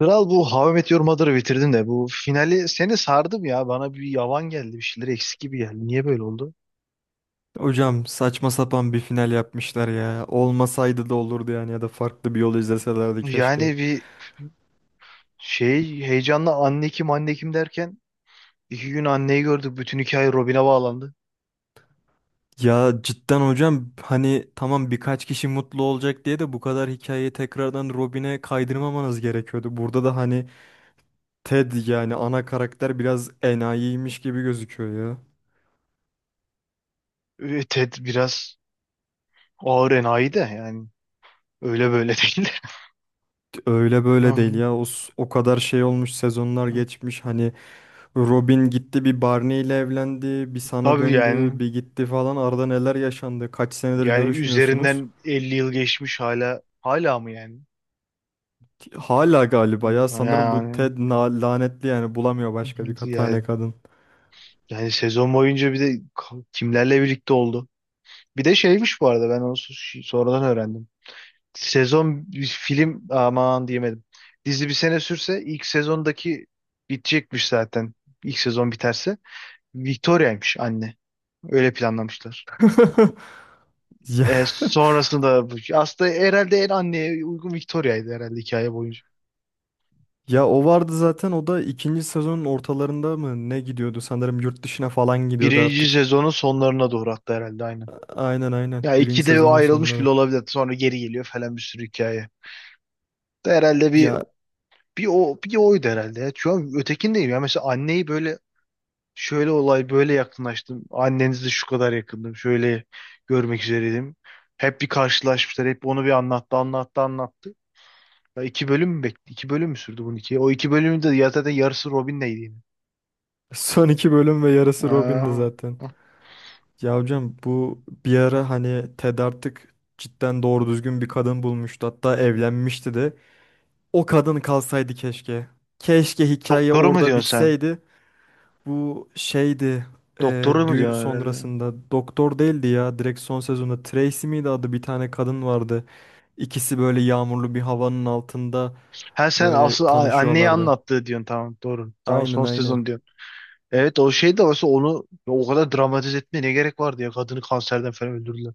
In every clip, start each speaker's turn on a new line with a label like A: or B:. A: Kral bu How I Met Your Mother'ı bitirdin de bu finali seni sardım ya. Bana bir yavan geldi, bir şeyler eksik gibi geldi. Niye böyle oldu?
B: Hocam saçma sapan bir final yapmışlar ya. Olmasaydı da olurdu yani ya da farklı bir yol izleselerdi keşke.
A: Yani bir şey heyecanla anne kim, anne kim derken iki gün anneyi gördük. Bütün hikaye Robin'e bağlandı.
B: Ya cidden hocam hani tamam birkaç kişi mutlu olacak diye de bu kadar hikayeyi tekrardan Robin'e kaydırmamanız gerekiyordu. Burada da hani Ted yani ana karakter biraz enayiymiş gibi gözüküyor ya.
A: Ted biraz ağır enayi de, yani öyle böyle değil.
B: Öyle
A: Hı
B: böyle değil
A: hı.
B: ya. O, o kadar şey olmuş sezonlar geçmiş hani Robin gitti bir Barney ile evlendi bir sana
A: Tabii
B: döndü
A: yani
B: bir gitti falan arada neler yaşandı kaç senedir
A: yani
B: görüşmüyorsunuz.
A: üzerinden 50 yıl geçmiş, hala mı yani?
B: Hala galiba ya
A: Hı.
B: sanırım bu
A: Yani
B: Ted lanetli yani bulamıyor başka bir
A: yani,
B: tane kadın.
A: yani sezon boyunca bir de kimlerle birlikte oldu? Bir de şeymiş bu arada, ben onu sonradan öğrendim. Sezon bir film aman diyemedim. Dizi bir sene sürse ilk sezondaki bitecekmiş zaten. İlk sezon biterse. Victoria'ymış anne. Öyle planlamışlar.
B: Ya,
A: Sonrasında aslında herhalde en anneye uygun Victoria'ydı herhalde hikaye boyunca.
B: ya, o vardı zaten o da ikinci sezonun ortalarında mı ne gidiyordu sanırım yurt dışına falan gidiyordu
A: Birinci
B: artık.
A: sezonun sonlarına doğru hatta, herhalde aynen.
B: Aynen aynen,
A: Ya
B: birinci
A: ikide
B: sezonun
A: ayrılmış
B: sonları.
A: bile olabilir. Sonra geri geliyor falan, bir sürü hikaye. Herhalde bir
B: Ya
A: bir o bir oydu herhalde, ya. Şu an ötekindeyim ya. Mesela anneyi böyle. Şöyle olay, böyle yakınlaştım. Annenizi şu kadar yakındım. Şöyle görmek üzereydim. Hep bir karşılaşmışlar. Hep onu bir anlattı, anlattı, anlattı. Ya iki bölüm mü, bekle? İki bölüm mü sürdü bunun, iki? O iki bölümün de ya zaten yarısı Robin'leydi yine.
B: son iki bölüm ve yarısı Robin'di
A: Aa.
B: zaten. Ya hocam bu bir ara hani Ted artık cidden doğru düzgün bir kadın bulmuştu, hatta evlenmişti de. O kadın kalsaydı keşke. Keşke hikaye
A: Doktoru mu
B: orada
A: diyorsun sen?
B: bitseydi. Bu şeydi,
A: Doktoru mu
B: düğün
A: diyorsun herhalde?
B: sonrasında doktor değildi ya, direkt son sezonda Tracy miydi adı, bir tane kadın vardı. İkisi böyle yağmurlu bir havanın altında
A: Ha sen asıl
B: böyle
A: anneyi
B: tanışıyorlardı.
A: anlattığı diyorsun, tamam doğru. Tamam,
B: Aynen
A: son
B: aynen.
A: sezon diyorsun. Evet, o şey de varsa onu ya, o kadar dramatize etmeye ne gerek vardı ya, kadını kanserden falan öldürdüler.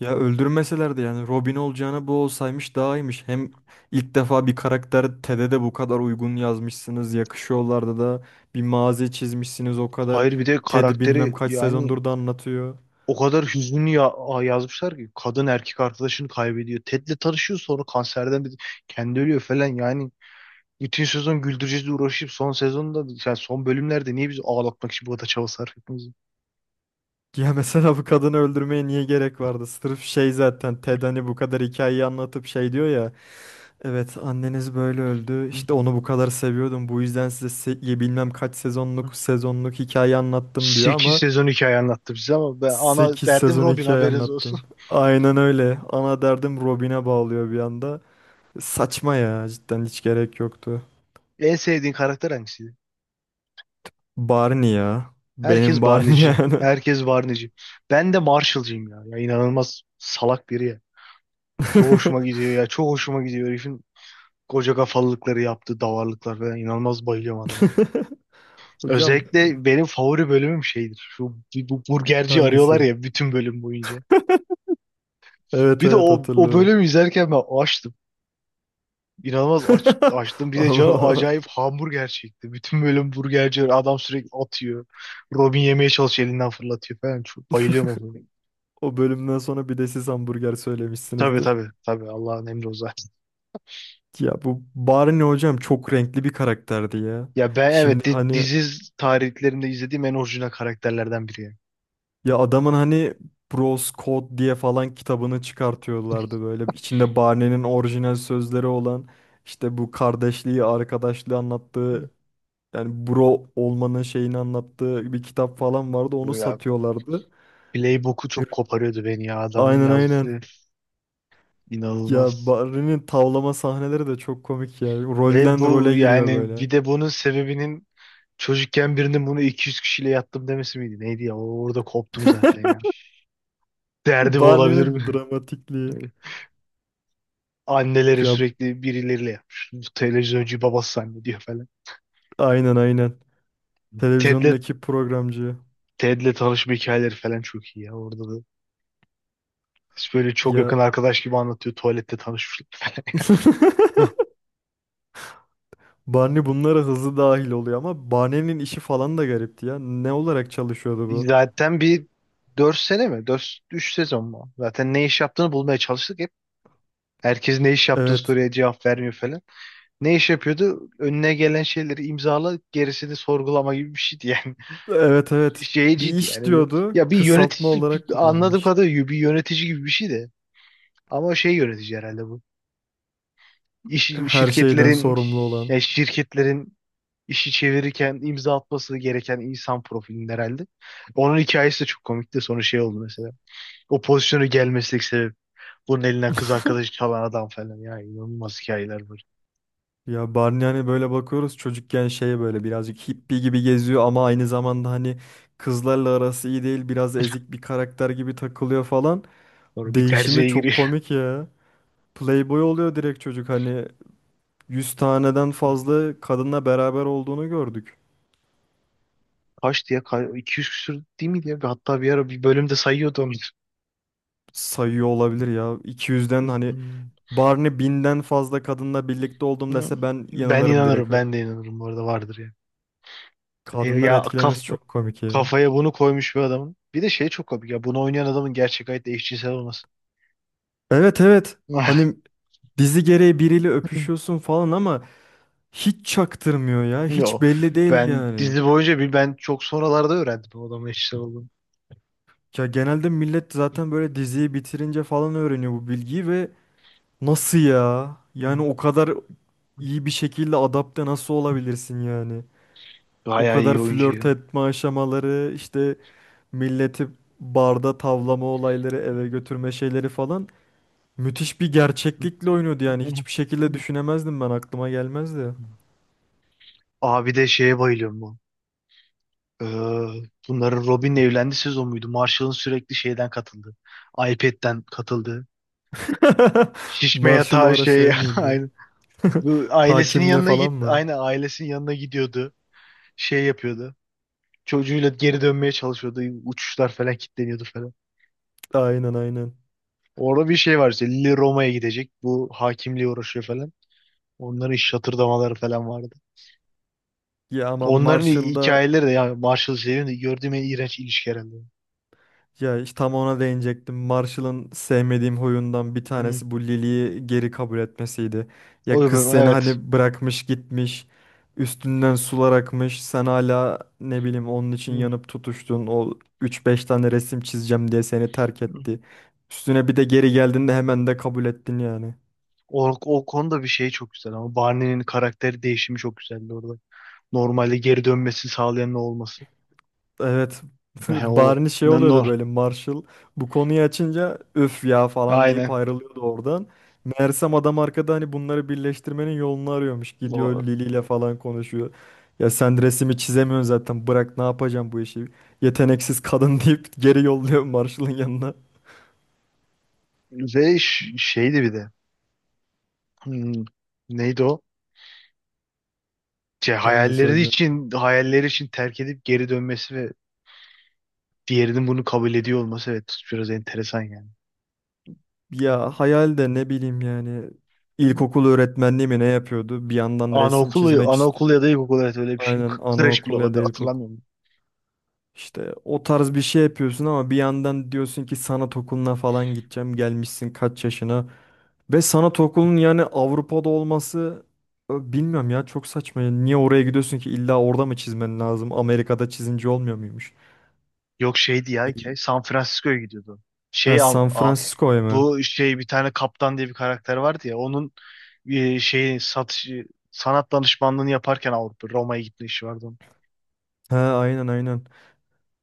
B: Ya öldürmeselerdi, yani Robin olacağına bu olsaymış daha iyiymiş. Hem ilk defa bir karakter, Ted'e de bu kadar uygun yazmışsınız. Yakışıyorlardı da, bir mazi çizmişsiniz o kadar.
A: Hayır, bir de
B: Ted
A: karakteri
B: bilmem kaç
A: yani.
B: sezondur da anlatıyor.
A: O kadar hüzünlü ya yazmışlar ki, kadın erkek arkadaşını kaybediyor. Ted'le tanışıyor, sonra kanserden kendi ölüyor falan yani. Bütün sezon güldüreceğiz diye uğraşıp son sezonda, yani son bölümlerde niye bizi ağlatmak için bu kadar çaba sarf ettiğimizi.
B: Ya mesela bu kadını öldürmeye niye gerek vardı? Sırf şey, zaten Ted hani bu kadar hikayeyi anlatıp şey diyor ya. Evet anneniz böyle öldü. İşte onu bu kadar seviyordum. Bu yüzden size bilmem kaç sezonluk sezonluk hikaye anlattım diyor
A: 8
B: ama
A: sezon hikaye anlattı bize ama ben ana
B: 8
A: derdim
B: sezon
A: Robin,
B: hikaye
A: haberiniz olsun.
B: anlattım. Aynen öyle. Ana derdim Robin'e bağlıyor bir anda. Saçma ya, cidden hiç gerek yoktu.
A: En sevdiğin karakter hangisiydi?
B: Barney ya. Benim
A: Herkes
B: Barney
A: Barney'ci.
B: yani.
A: Herkes Barney'ci. Ben de Marshall'cıyım ya. Ya inanılmaz salak biri ya. Çok hoşuma gidiyor ya. Çok hoşuma gidiyor herifin. Koca kafalılıkları yaptı, davarlıklar falan, inanılmaz bayılıyorum adamı.
B: Hocam
A: Özellikle benim favori bölümüm şeydir. Şu bu burgerci arıyorlar
B: hangisi?
A: ya bütün bölüm boyunca.
B: Evet
A: Bir de
B: evet,
A: o
B: hatırlıyorum.
A: bölümü izlerken ben açtım. İnanılmaz açtım. Bir de canı
B: Ama
A: acayip hamburger çekti. Bütün bölüm burgerci adam sürekli atıyor. Robin yemeye çalışıyor, elinden fırlatıyor falan. Çok bayılıyorum o bölümü.
B: o bölümden sonra bir de siz hamburger
A: Tabii
B: söylemişsinizdir.
A: tabii tabii, Allah'ın emri o zaten.
B: Ya bu Barney hocam çok renkli bir karakterdi ya.
A: Ya ben evet,
B: Şimdi hani,
A: dizi tarihlerinde izlediğim en orijinal karakterlerden biri, yani.
B: ya adamın hani Bros Code diye falan kitabını çıkartıyorlardı böyle. İçinde Barney'nin orijinal sözleri olan, işte bu kardeşliği, arkadaşlığı anlattığı, yani bro olmanın şeyini anlattığı bir kitap falan vardı. Onu
A: Ya
B: satıyorlardı.
A: Playbook'u çok
B: Bir-
A: koparıyordu beni ya, adamın
B: Aynen aynen.
A: yazdığı
B: Ya
A: inanılmaz.
B: Barney'nin tavlama sahneleri de çok komik ya.
A: Ve
B: Rolden
A: bu
B: role giriyor
A: yani,
B: böyle.
A: bir de bunun sebebinin çocukken birinin bunu 200 kişiyle yattım demesi miydi? Neydi ya? Orada koptum zaten ya. Derdi bu olabilir
B: Barney'nin
A: mi?
B: dramatikliği.
A: Böyle anneleri
B: Ya
A: sürekli birileriyle yapmış. Bu televizyoncu babası zannediyor falan.
B: aynen aynen.
A: Ted'le
B: Televizyondaki programcı.
A: Ted'le tanışma hikayeleri falan çok iyi ya, orada da. Böyle çok
B: Ya
A: yakın arkadaş gibi anlatıyor. Tuvalette tanışmışlar falan.
B: Barney bunlara hızlı dahil oluyor ama Barney'nin işi falan da garipti ya. Ne olarak çalışıyordu bu?
A: Zaten bir 4 sene mi? Dört 3 sezon mu? Zaten ne iş yaptığını bulmaya çalıştık. Herkes ne iş yaptığı
B: Evet.
A: soruya cevap vermiyor falan. Ne iş yapıyordu? Önüne gelen şeyleri imzala, gerisini sorgulama gibi bir şeydi yani.
B: Evet evet. Bir
A: Şeyciydi
B: iş
A: yani.
B: diyordu.
A: Ya bir
B: Kısaltma
A: yönetici,
B: olarak
A: anladığım
B: kullanmış.
A: kadarıyla bir yönetici gibi bir şeydi. Ama şey yönetici herhalde bu. İş,
B: Her şeyden
A: şirketlerin,
B: sorumlu olan.
A: yani şirketlerin işi çevirirken imza atması gereken insan profilinin herhalde. Onun hikayesi de çok komikti. Sonra şey oldu mesela. O pozisyonu gelmesek sebep. Bunun elinden kız arkadaşı çalan adam falan. Ya inanılmaz hikayeler var.
B: Ya Barney hani böyle bakıyoruz, çocukken şey böyle birazcık hippie gibi geziyor ama aynı zamanda hani kızlarla arası iyi değil, biraz ezik bir karakter gibi takılıyor falan.
A: Sonra bir
B: Değişimi
A: terziye
B: çok
A: giriyor.
B: komik ya. Playboy oluyor direkt çocuk, hani 100 taneden fazla kadınla beraber olduğunu gördük.
A: Kaçtı ya? 200 küsür değil miydi ya? Hatta bir ara bir bölümde sayıyordu onu.
B: Sayıyor olabilir ya, iki
A: Hı
B: yüzden
A: hı.
B: hani Barney 1000'den fazla kadınla birlikte oldum
A: Hı.
B: dese ben
A: Ben
B: inanırım direkt
A: inanırım.
B: o.
A: Ben de inanırım. Bu arada vardır ya.
B: Kadınları
A: Ya
B: etkilemesi çok komik ya.
A: kafaya bunu koymuş bir adamın. Bir de şey çok komik ya. Bunu oynayan adamın gerçek hayatta eşcinsel olması.
B: Evet evet, hani dizi gereği biriyle öpüşüyorsun falan ama hiç çaktırmıyor ya. Hiç
A: Yo.
B: belli değil
A: Ben
B: yani.
A: dizi boyunca, bir ben çok sonralarda öğrendim o adamın eşcinsel olduğunu.
B: Ya genelde millet zaten böyle diziyi bitirince falan öğreniyor bu bilgiyi ve nasıl ya?
A: Hı
B: Yani o kadar
A: hı.
B: iyi bir şekilde adapte nasıl olabilirsin yani? O
A: Bayağı
B: kadar
A: iyi oyuncu
B: flört
A: ya.
B: etme aşamaları, işte milleti barda tavlama olayları, eve götürme şeyleri falan müthiş bir gerçeklikle oynuyordu
A: Hı
B: yani. Hiçbir şekilde
A: hı.
B: düşünemezdim, ben aklıma gelmezdi.
A: Abi de şeye bayılıyorum bu. Ee, Bunların Robin'le evlendiği sezon muydu? Marshall'ın sürekli şeyden katıldı. iPad'den katıldı. Şişme
B: Marshall o
A: yatağı
B: ara
A: şey
B: şey miydi?
A: aynı. Bu ailesinin
B: Hakimliğe
A: yanına
B: falan
A: git.
B: mı?
A: Aynı ailesinin yanına gidiyordu. Şey yapıyordu. Çocuğuyla geri dönmeye çalışıyordu. Uçuşlar falan kilitleniyordu falan.
B: Aynen aynen.
A: Orada bir şey var işte. Lily Roma'ya gidecek. Bu hakimliğe uğraşıyor falan. Onların iş şatırdamaları falan vardı.
B: Ya ama
A: Onların
B: Marshall'da,
A: hikayeleri de yani, Marshall şeyin de gördüğüm en iğrenç ilişki herhalde.
B: ya işte tam ona değinecektim. Marshall'ın sevmediğim huyundan bir
A: Hı.
B: tanesi bu Lily'yi geri kabul etmesiydi.
A: O,
B: Ya kız seni
A: evet.
B: hani bırakmış gitmiş. Üstünden sular akmış. Sen hala ne bileyim onun için
A: Hı.
B: yanıp tutuştun. O üç beş tane resim çizeceğim diye seni terk etti. Üstüne bir de geri geldiğinde hemen de kabul ettin yani.
A: O konuda bir şey çok güzel, ama Barney'nin karakteri değişimi çok güzeldi orada. Normalde geri dönmesi sağlayan ne olması.
B: Evet.
A: He, o
B: Barney şey
A: ne
B: oluyordu
A: nor.
B: böyle, Marshall bu konuyu açınca öf ya falan deyip
A: Aynen.
B: ayrılıyordu oradan. Meğersem adam arkada hani bunları birleştirmenin yolunu arıyormuş. Gidiyor
A: O,
B: Lily ile falan konuşuyor. Ya sen resmi çizemiyorsun zaten, bırak ne yapacağım bu işi. Yeteneksiz kadın deyip geri yolluyor Marshall'ın yanına.
A: ve şeydi bir de. Hmm, Neydi o? Şey,
B: Hangisi
A: hayalleri
B: hocam?
A: için hayalleri için terk edip geri dönmesi ve diğerinin bunu kabul ediyor olması, evet biraz enteresan yani.
B: Ya hayal de ne bileyim yani, ilkokul öğretmenliği mi ne yapıyordu? Bir yandan resim
A: Anaokulu,
B: çizmek
A: anaokul
B: istiyor.
A: ya da ilkokul, evet öyle bir şey.
B: Aynen
A: Kreş bile
B: anaokul ya da
A: olabilir,
B: ilkokul.
A: hatırlamıyorum.
B: İşte o tarz bir şey yapıyorsun ama bir yandan diyorsun ki sanat okuluna falan gideceğim. Gelmişsin kaç yaşına. Ve sanat okulunun yani Avrupa'da olması, bilmiyorum ya, çok saçma ya. Niye oraya gidiyorsun ki, illa orada mı çizmen lazım? Amerika'da çizince olmuyor muymuş?
A: Yok, şeydi ya hikaye. San Francisco'ya gidiyordu. Şey
B: Ha, San
A: Am-
B: Francisco'ya mı?
A: Bu şey, bir tane kaptan diye bir karakter vardı ya, onun şeyi satış sanat danışmanlığını yaparken Avrupa Roma'ya gitme işi vardı onun.
B: Ha, aynen aynen.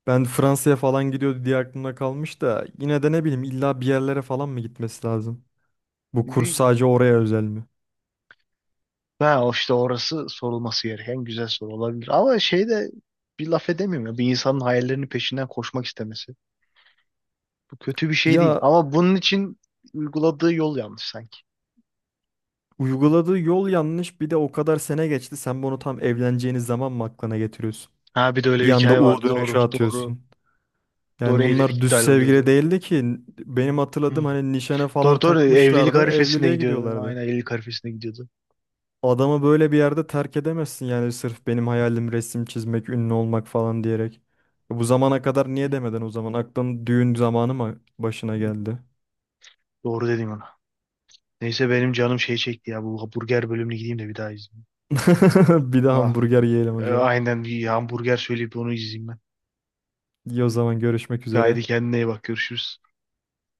B: Ben Fransa'ya falan gidiyordu diye aklımda kalmış da, yine de ne bileyim, illa bir yerlere falan mı gitmesi lazım? Bu kurs
A: E,
B: sadece oraya özel mi?
A: Ha, o işte orası sorulması gereken güzel soru olabilir. Ama şey de bir laf edemiyorum ya. Bir insanın hayallerinin peşinden koşmak istemesi. Bu kötü bir şey değil.
B: Ya
A: Ama bunun için uyguladığı yol yanlış sanki.
B: uyguladığı yol yanlış. Bir de o kadar sene geçti. Sen bunu tam evleneceğiniz zaman mı aklına getiriyorsun?
A: Ha bir de öyle
B: Bir
A: bir
B: anda
A: hikaye
B: U
A: vardı. Doğru,
B: dönüşü
A: doğru.
B: atıyorsun.
A: Doğru,
B: Yani
A: evlilik
B: bunlar düz
A: iptal
B: sevgili
A: oluyordu.
B: değildi ki. Benim
A: Hı.
B: hatırladığım hani nişana
A: Doğru
B: falan
A: doğru, evlilik
B: takmışlardı.
A: arifesinde
B: Evliliğe
A: gidiyordu.
B: gidiyorlardı.
A: Aynen, evlilik arifesinde gidiyordu.
B: Adamı böyle bir yerde terk edemezsin yani, sırf benim hayalim resim çizmek, ünlü olmak falan diyerek. E, bu zamana kadar niye demeden o zaman? Aklın düğün zamanı mı başına
A: Hı.
B: geldi?
A: Doğru dedim ona. Neyse benim canım şey çekti ya. Bu hamburger bölümüne gideyim de bir daha izleyeyim.
B: Bir de
A: Ah,
B: hamburger yiyelim hocam.
A: aynen bir hamburger söyleyip onu izleyeyim ben.
B: İyi, o zaman görüşmek üzere.
A: Haydi kendine iyi bak. Görüşürüz.